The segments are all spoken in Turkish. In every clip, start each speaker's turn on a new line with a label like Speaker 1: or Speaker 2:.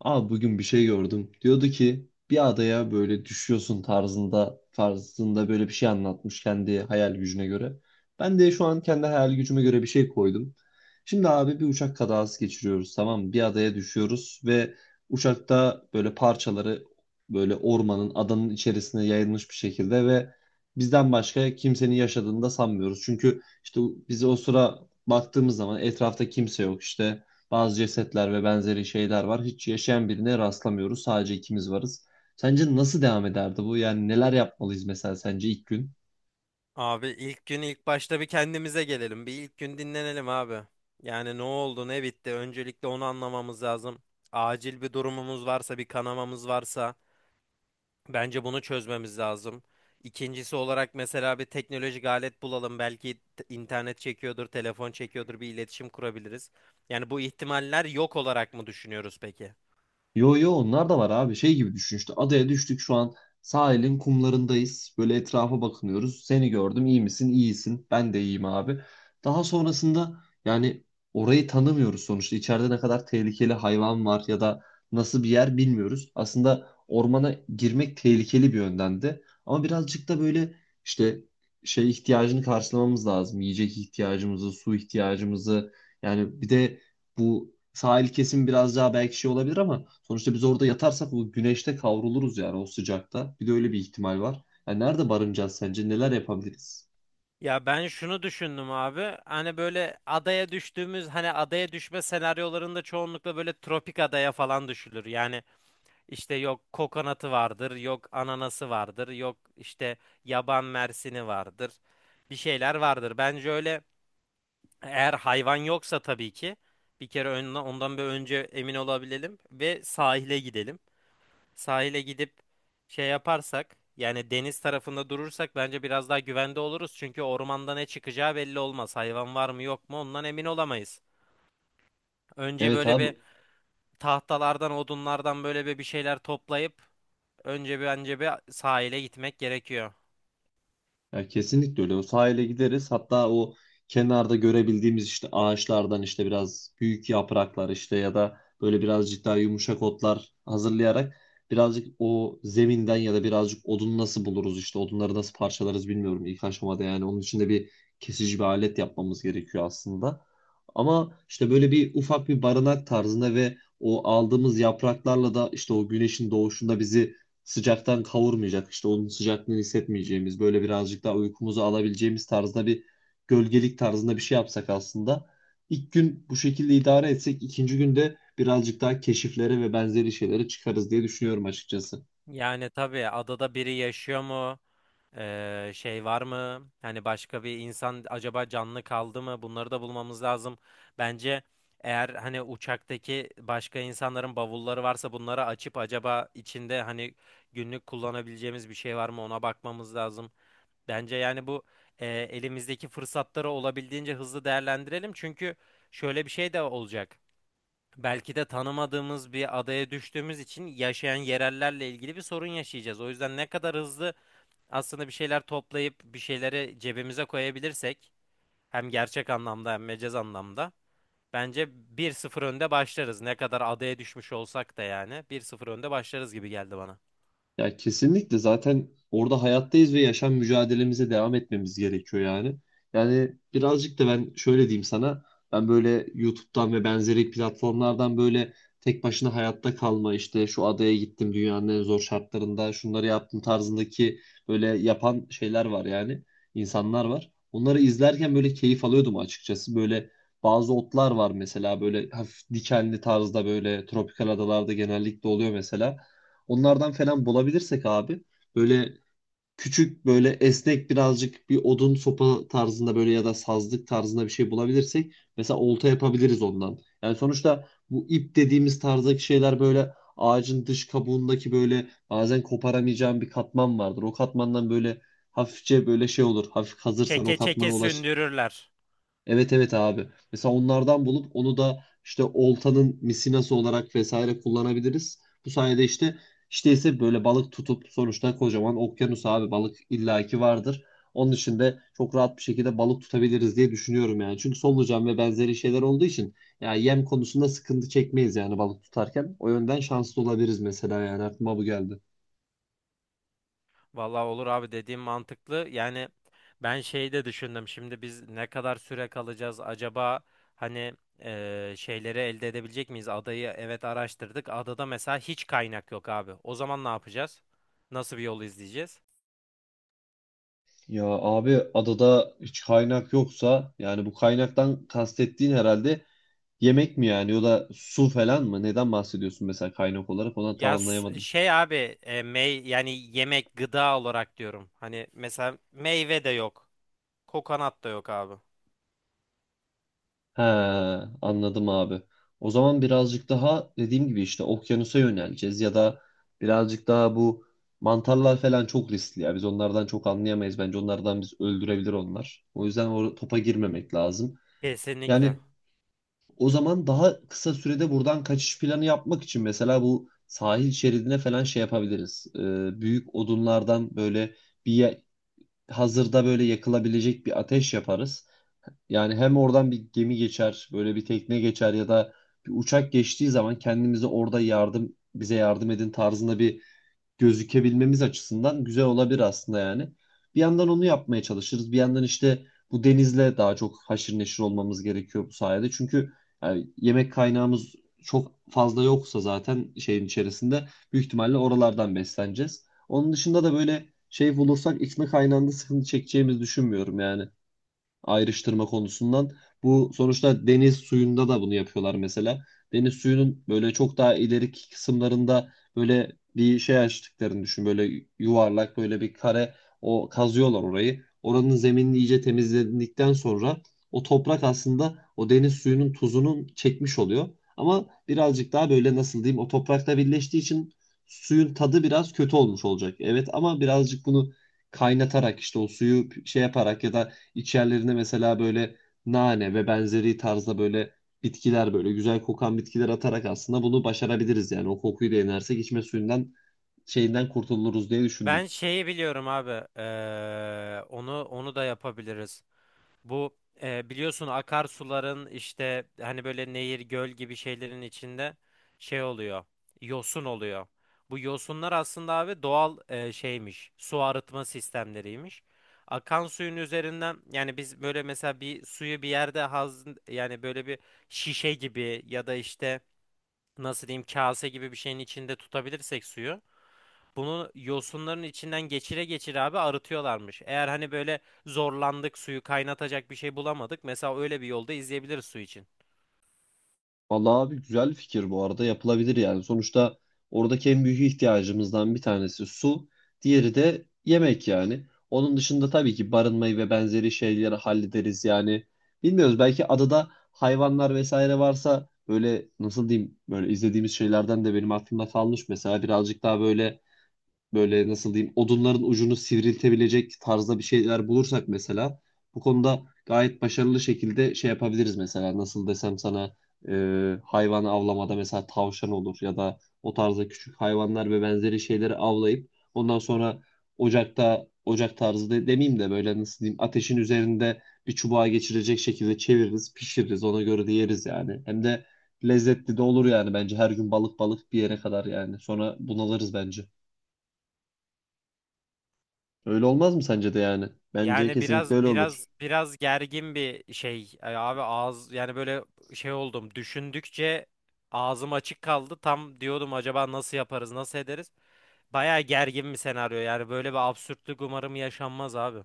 Speaker 1: Bugün bir şey gördüm. Diyordu ki bir adaya böyle düşüyorsun tarzında böyle bir şey anlatmış kendi hayal gücüne göre. Ben de şu an kendi hayal gücüme göre bir şey koydum. Şimdi abi bir uçak kazası geçiriyoruz, tamam mı? Bir adaya düşüyoruz ve uçakta böyle parçaları böyle ormanın adanın içerisine yayılmış bir şekilde ve bizden başka kimsenin yaşadığını da sanmıyoruz. Çünkü işte biz o sıra baktığımız zaman etrafta kimse yok işte. Bazı cesetler ve benzeri şeyler var. Hiç yaşayan birine rastlamıyoruz. Sadece ikimiz varız. Sence nasıl devam ederdi bu? Yani neler yapmalıyız mesela sence ilk gün?
Speaker 2: Abi ilk gün ilk başta bir kendimize gelelim. Bir ilk gün dinlenelim abi. Yani ne oldu ne bitti öncelikle onu anlamamız lazım. Acil bir durumumuz varsa bir kanamamız varsa bence bunu çözmemiz lazım. İkincisi olarak mesela bir teknolojik alet bulalım. Belki internet çekiyordur, telefon çekiyordur bir iletişim kurabiliriz. Yani bu ihtimaller yok olarak mı düşünüyoruz peki?
Speaker 1: Yo yo, onlar da var abi. Şey gibi düşün, işte adaya düştük şu an sahilin kumlarındayız. Böyle etrafa bakınıyoruz. Seni gördüm, iyi misin? İyisin. Ben de iyiyim abi. Daha sonrasında yani orayı tanımıyoruz sonuçta. İçeride ne kadar tehlikeli hayvan var ya da nasıl bir yer bilmiyoruz. Aslında ormana girmek tehlikeli bir yönden de. Ama birazcık da böyle işte şey ihtiyacını karşılamamız lazım. Yiyecek ihtiyacımızı, su ihtiyacımızı, yani bir de bu sahil kesim biraz daha belki şey olabilir ama sonuçta biz orada yatarsak o güneşte kavruluruz yani, o sıcakta. Bir de öyle bir ihtimal var. Yani nerede barınacağız sence? Neler yapabiliriz?
Speaker 2: Ya ben şunu düşündüm abi. Hani böyle adaya düştüğümüz hani adaya düşme senaryolarında çoğunlukla böyle tropik adaya falan düşülür. Yani işte yok kokonatı vardır, yok ananası vardır, yok işte yaban mersini vardır. Bir şeyler vardır. Bence öyle eğer hayvan yoksa tabii ki bir kere ondan bir önce emin olabilelim ve sahile gidelim, sahile gidip şey yaparsak yani deniz tarafında durursak bence biraz daha güvende oluruz. Çünkü ormanda ne çıkacağı belli olmaz. Hayvan var mı yok mu ondan emin olamayız. Önce
Speaker 1: Evet
Speaker 2: böyle
Speaker 1: abi.
Speaker 2: bir tahtalardan odunlardan böyle bir şeyler toplayıp önce bir sahile gitmek gerekiyor.
Speaker 1: Ya kesinlikle öyle. O sahile gideriz. Hatta o kenarda görebildiğimiz işte ağaçlardan işte biraz büyük yapraklar, işte ya da böyle birazcık daha yumuşak otlar hazırlayarak birazcık o zeminden ya da birazcık odun nasıl buluruz, işte odunları nasıl parçalarız bilmiyorum ilk aşamada, yani onun için de bir kesici bir alet yapmamız gerekiyor aslında. Ama işte böyle bir ufak bir barınak tarzında ve o aldığımız yapraklarla da işte o güneşin doğuşunda bizi sıcaktan kavurmayacak, işte onun sıcaklığını hissetmeyeceğimiz böyle birazcık daha uykumuzu alabileceğimiz tarzda bir gölgelik tarzında bir şey yapsak aslında, ilk gün bu şekilde idare etsek, ikinci günde birazcık daha keşiflere ve benzeri şeylere çıkarız diye düşünüyorum açıkçası.
Speaker 2: Yani tabii adada biri yaşıyor mu? Şey var mı? Hani başka bir insan acaba canlı kaldı mı? Bunları da bulmamız lazım. Bence eğer hani uçaktaki başka insanların bavulları varsa bunları açıp acaba içinde hani günlük kullanabileceğimiz bir şey var mı ona bakmamız lazım. Bence yani bu elimizdeki fırsatları olabildiğince hızlı değerlendirelim. Çünkü şöyle bir şey de olacak. Belki de tanımadığımız bir adaya düştüğümüz için yaşayan yerellerle ilgili bir sorun yaşayacağız. O yüzden ne kadar hızlı aslında bir şeyler toplayıp bir şeyleri cebimize koyabilirsek hem gerçek anlamda hem mecaz anlamda bence bir sıfır önde başlarız. Ne kadar adaya düşmüş olsak da yani bir sıfır önde başlarız gibi geldi bana.
Speaker 1: Ya kesinlikle, zaten orada hayattayız ve yaşam mücadelemize devam etmemiz gerekiyor yani. Yani birazcık da ben şöyle diyeyim sana. Ben böyle YouTube'dan ve benzeri platformlardan böyle tek başına hayatta kalma, işte şu adaya gittim, dünyanın en zor şartlarında şunları yaptım tarzındaki böyle yapan şeyler var yani. İnsanlar var. Onları izlerken böyle keyif alıyordum açıkçası. Böyle bazı otlar var mesela, böyle hafif dikenli tarzda, böyle tropikal adalarda genellikle oluyor mesela. Onlardan falan bulabilirsek abi, böyle küçük böyle esnek birazcık bir odun sopa tarzında böyle, ya da sazlık tarzında bir şey bulabilirsek mesela olta yapabiliriz ondan. Yani sonuçta bu ip dediğimiz tarzdaki şeyler böyle ağacın dış kabuğundaki böyle bazen koparamayacağın bir katman vardır. O katmandan böyle hafifçe böyle şey olur. Hafif hazırsan o
Speaker 2: Çeke
Speaker 1: katmana.
Speaker 2: çeke sündürürler.
Speaker 1: Evet abi. Mesela onlardan bulup onu da işte oltanın misinası olarak vesaire kullanabiliriz. Bu sayede işte, ise böyle balık tutup, sonuçta kocaman okyanus abi, balık illaki vardır. Onun için de çok rahat bir şekilde balık tutabiliriz diye düşünüyorum yani. Çünkü solucan ve benzeri şeyler olduğu için yani yem konusunda sıkıntı çekmeyiz yani balık tutarken. O yönden şanslı olabiliriz mesela, yani aklıma bu geldi.
Speaker 2: Vallahi olur abi, dediğim mantıklı. Yani ben şeyi de düşündüm. Şimdi biz ne kadar süre kalacağız acaba? Hani şeyleri elde edebilecek miyiz? Adayı evet araştırdık. Adada mesela hiç kaynak yok abi. O zaman ne yapacağız? Nasıl bir yol izleyeceğiz?
Speaker 1: Ya abi adada hiç kaynak yoksa, yani bu kaynaktan kastettiğin herhalde yemek mi yani, ya da su falan mı? Neden bahsediyorsun mesela kaynak olarak? Ona tam
Speaker 2: Ya s- e,
Speaker 1: anlayamadım.
Speaker 2: şey abi e, mey yani yemek, gıda olarak diyorum. Hani mesela meyve de yok. Kokonat da yok abi.
Speaker 1: He, anladım abi. O zaman birazcık daha dediğim gibi işte okyanusa yöneleceğiz ya da birazcık daha bu mantarlar falan çok riskli ya. Biz onlardan çok anlayamayız. Bence onlardan biz, öldürebilir onlar. O yüzden o topa girmemek lazım.
Speaker 2: Kesinlikle.
Speaker 1: Yani o zaman daha kısa sürede buradan kaçış planı yapmak için mesela bu sahil şeridine falan şey yapabiliriz. Büyük odunlardan böyle bir hazırda böyle yakılabilecek bir ateş yaparız. Yani hem oradan bir gemi geçer, böyle bir tekne geçer ya da bir uçak geçtiği zaman kendimize orada yardım, bize yardım edin tarzında bir gözükebilmemiz açısından güzel olabilir aslında yani. Bir yandan onu yapmaya çalışırız. Bir yandan işte bu denizle daha çok haşır neşir olmamız gerekiyor bu sayede. Çünkü yani yemek kaynağımız çok fazla yoksa zaten şeyin içerisinde büyük ihtimalle oralardan besleneceğiz. Onun dışında da böyle şey bulursak içme kaynağında sıkıntı çekeceğimizi düşünmüyorum yani, ayrıştırma konusundan. Bu sonuçta deniz suyunda da bunu yapıyorlar mesela. Deniz suyunun böyle çok daha ileriki kısımlarında böyle bir şey açtıklarını düşün. Böyle yuvarlak, böyle bir kare, o kazıyorlar orayı. Oranın zeminini iyice temizledikten sonra o toprak aslında o deniz suyunun tuzunun çekmiş oluyor. Ama birazcık daha böyle nasıl diyeyim, o toprakla birleştiği için suyun tadı biraz kötü olmuş olacak. Evet ama birazcık bunu kaynatarak işte o suyu şey yaparak ya da İçerilerine mesela böyle nane ve benzeri tarzda böyle bitkiler, böyle güzel kokan bitkiler atarak aslında bunu başarabiliriz yani. O kokuyu da inersek içme suyundan, şeyinden kurtuluruz diye düşündüm.
Speaker 2: Ben şeyi biliyorum abi. Onu da yapabiliriz. Bu biliyorsun akarsuların işte hani böyle nehir, göl gibi şeylerin içinde şey oluyor. Yosun oluyor. Bu yosunlar aslında abi doğal şeymiş. Su arıtma sistemleriymiş. Akan suyun üzerinden yani biz böyle mesela bir suyu bir yerde yani böyle bir şişe gibi ya da işte nasıl diyeyim kase gibi bir şeyin içinde tutabilirsek suyu, bunu yosunların içinden geçire geçire abi arıtıyorlarmış. Eğer hani böyle zorlandık, suyu kaynatacak bir şey bulamadık, mesela öyle bir yolda izleyebiliriz su için.
Speaker 1: Vallahi abi güzel fikir, bu arada yapılabilir yani. Sonuçta oradaki en büyük ihtiyacımızdan bir tanesi su, diğeri de yemek yani. Onun dışında tabii ki barınmayı ve benzeri şeyleri hallederiz yani. Bilmiyoruz, belki adada hayvanlar vesaire varsa, böyle nasıl diyeyim, böyle izlediğimiz şeylerden de benim aklımda kalmış mesela, birazcık daha böyle nasıl diyeyim odunların ucunu sivriltebilecek tarzda bir şeyler bulursak mesela bu konuda gayet başarılı şekilde şey yapabiliriz mesela, nasıl desem sana, e, hayvan avlamada mesela tavşan olur ya da o tarzda küçük hayvanlar ve benzeri şeyleri avlayıp ondan sonra ocakta, ocak tarzı demeyeyim de, böyle nasıl diyeyim ateşin üzerinde bir çubuğa geçirecek şekilde çeviririz, pişiririz, ona göre de yeriz yani, hem de lezzetli de olur yani. Bence her gün balık balık bir yere kadar yani, sonra bunalırız bence. Öyle olmaz mı sence de yani? Bence
Speaker 2: Yani
Speaker 1: kesinlikle
Speaker 2: biraz
Speaker 1: öyle olur.
Speaker 2: biraz biraz gergin bir şey abi ağız, yani böyle şey oldum, düşündükçe ağzım açık kaldı tam, diyordum acaba nasıl yaparız nasıl ederiz, baya gergin bir senaryo. Yani böyle bir absürtlük umarım yaşanmaz abi.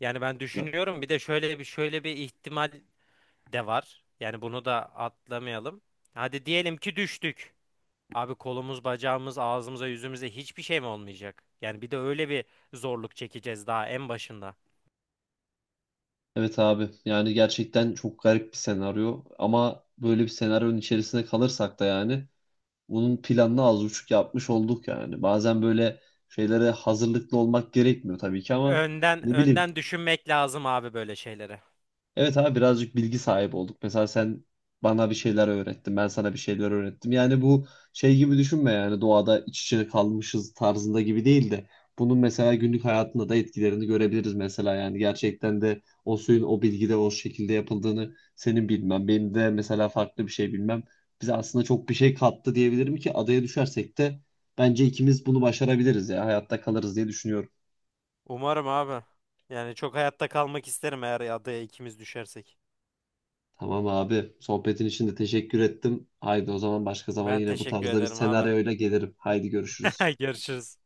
Speaker 2: Yani ben
Speaker 1: Ya-
Speaker 2: düşünüyorum, bir de şöyle bir ihtimal de var. Yani bunu da atlamayalım. Hadi diyelim ki düştük. Abi kolumuz, bacağımız, ağzımıza, yüzümüze hiçbir şey mi olmayacak? Yani bir de öyle bir zorluk çekeceğiz daha en başında.
Speaker 1: Evet abi, yani gerçekten çok garip bir senaryo ama böyle bir senaryonun içerisinde kalırsak da yani bunun planını az buçuk yapmış olduk yani. Bazen böyle şeylere hazırlıklı olmak gerekmiyor tabii ki ama
Speaker 2: Önden
Speaker 1: ne bileyim.
Speaker 2: önden düşünmek lazım abi böyle şeylere.
Speaker 1: Evet abi, birazcık bilgi sahibi olduk. Mesela sen bana bir şeyler öğrettin, ben sana bir şeyler öğrettim. Yani bu şey gibi düşünme, yani doğada iç içe kalmışız tarzında gibi değil de, bunun mesela günlük hayatında da etkilerini görebiliriz mesela, yani gerçekten de o suyun o bilgide o şekilde yapıldığını senin bilmem, benim de mesela farklı bir şey bilmem bize aslında çok bir şey kattı, diyebilirim ki adaya düşersek de bence ikimiz bunu başarabiliriz ya, hayatta kalırız diye düşünüyorum.
Speaker 2: Umarım abi. Yani çok hayatta kalmak isterim eğer adaya ikimiz düşersek.
Speaker 1: Tamam abi. Sohbetin için de teşekkür ettim. Haydi, o zaman başka zaman
Speaker 2: Ben
Speaker 1: yine bu
Speaker 2: teşekkür
Speaker 1: tarzda bir
Speaker 2: ederim abi.
Speaker 1: senaryoyla gelirim. Haydi görüşürüz.
Speaker 2: Görüşürüz.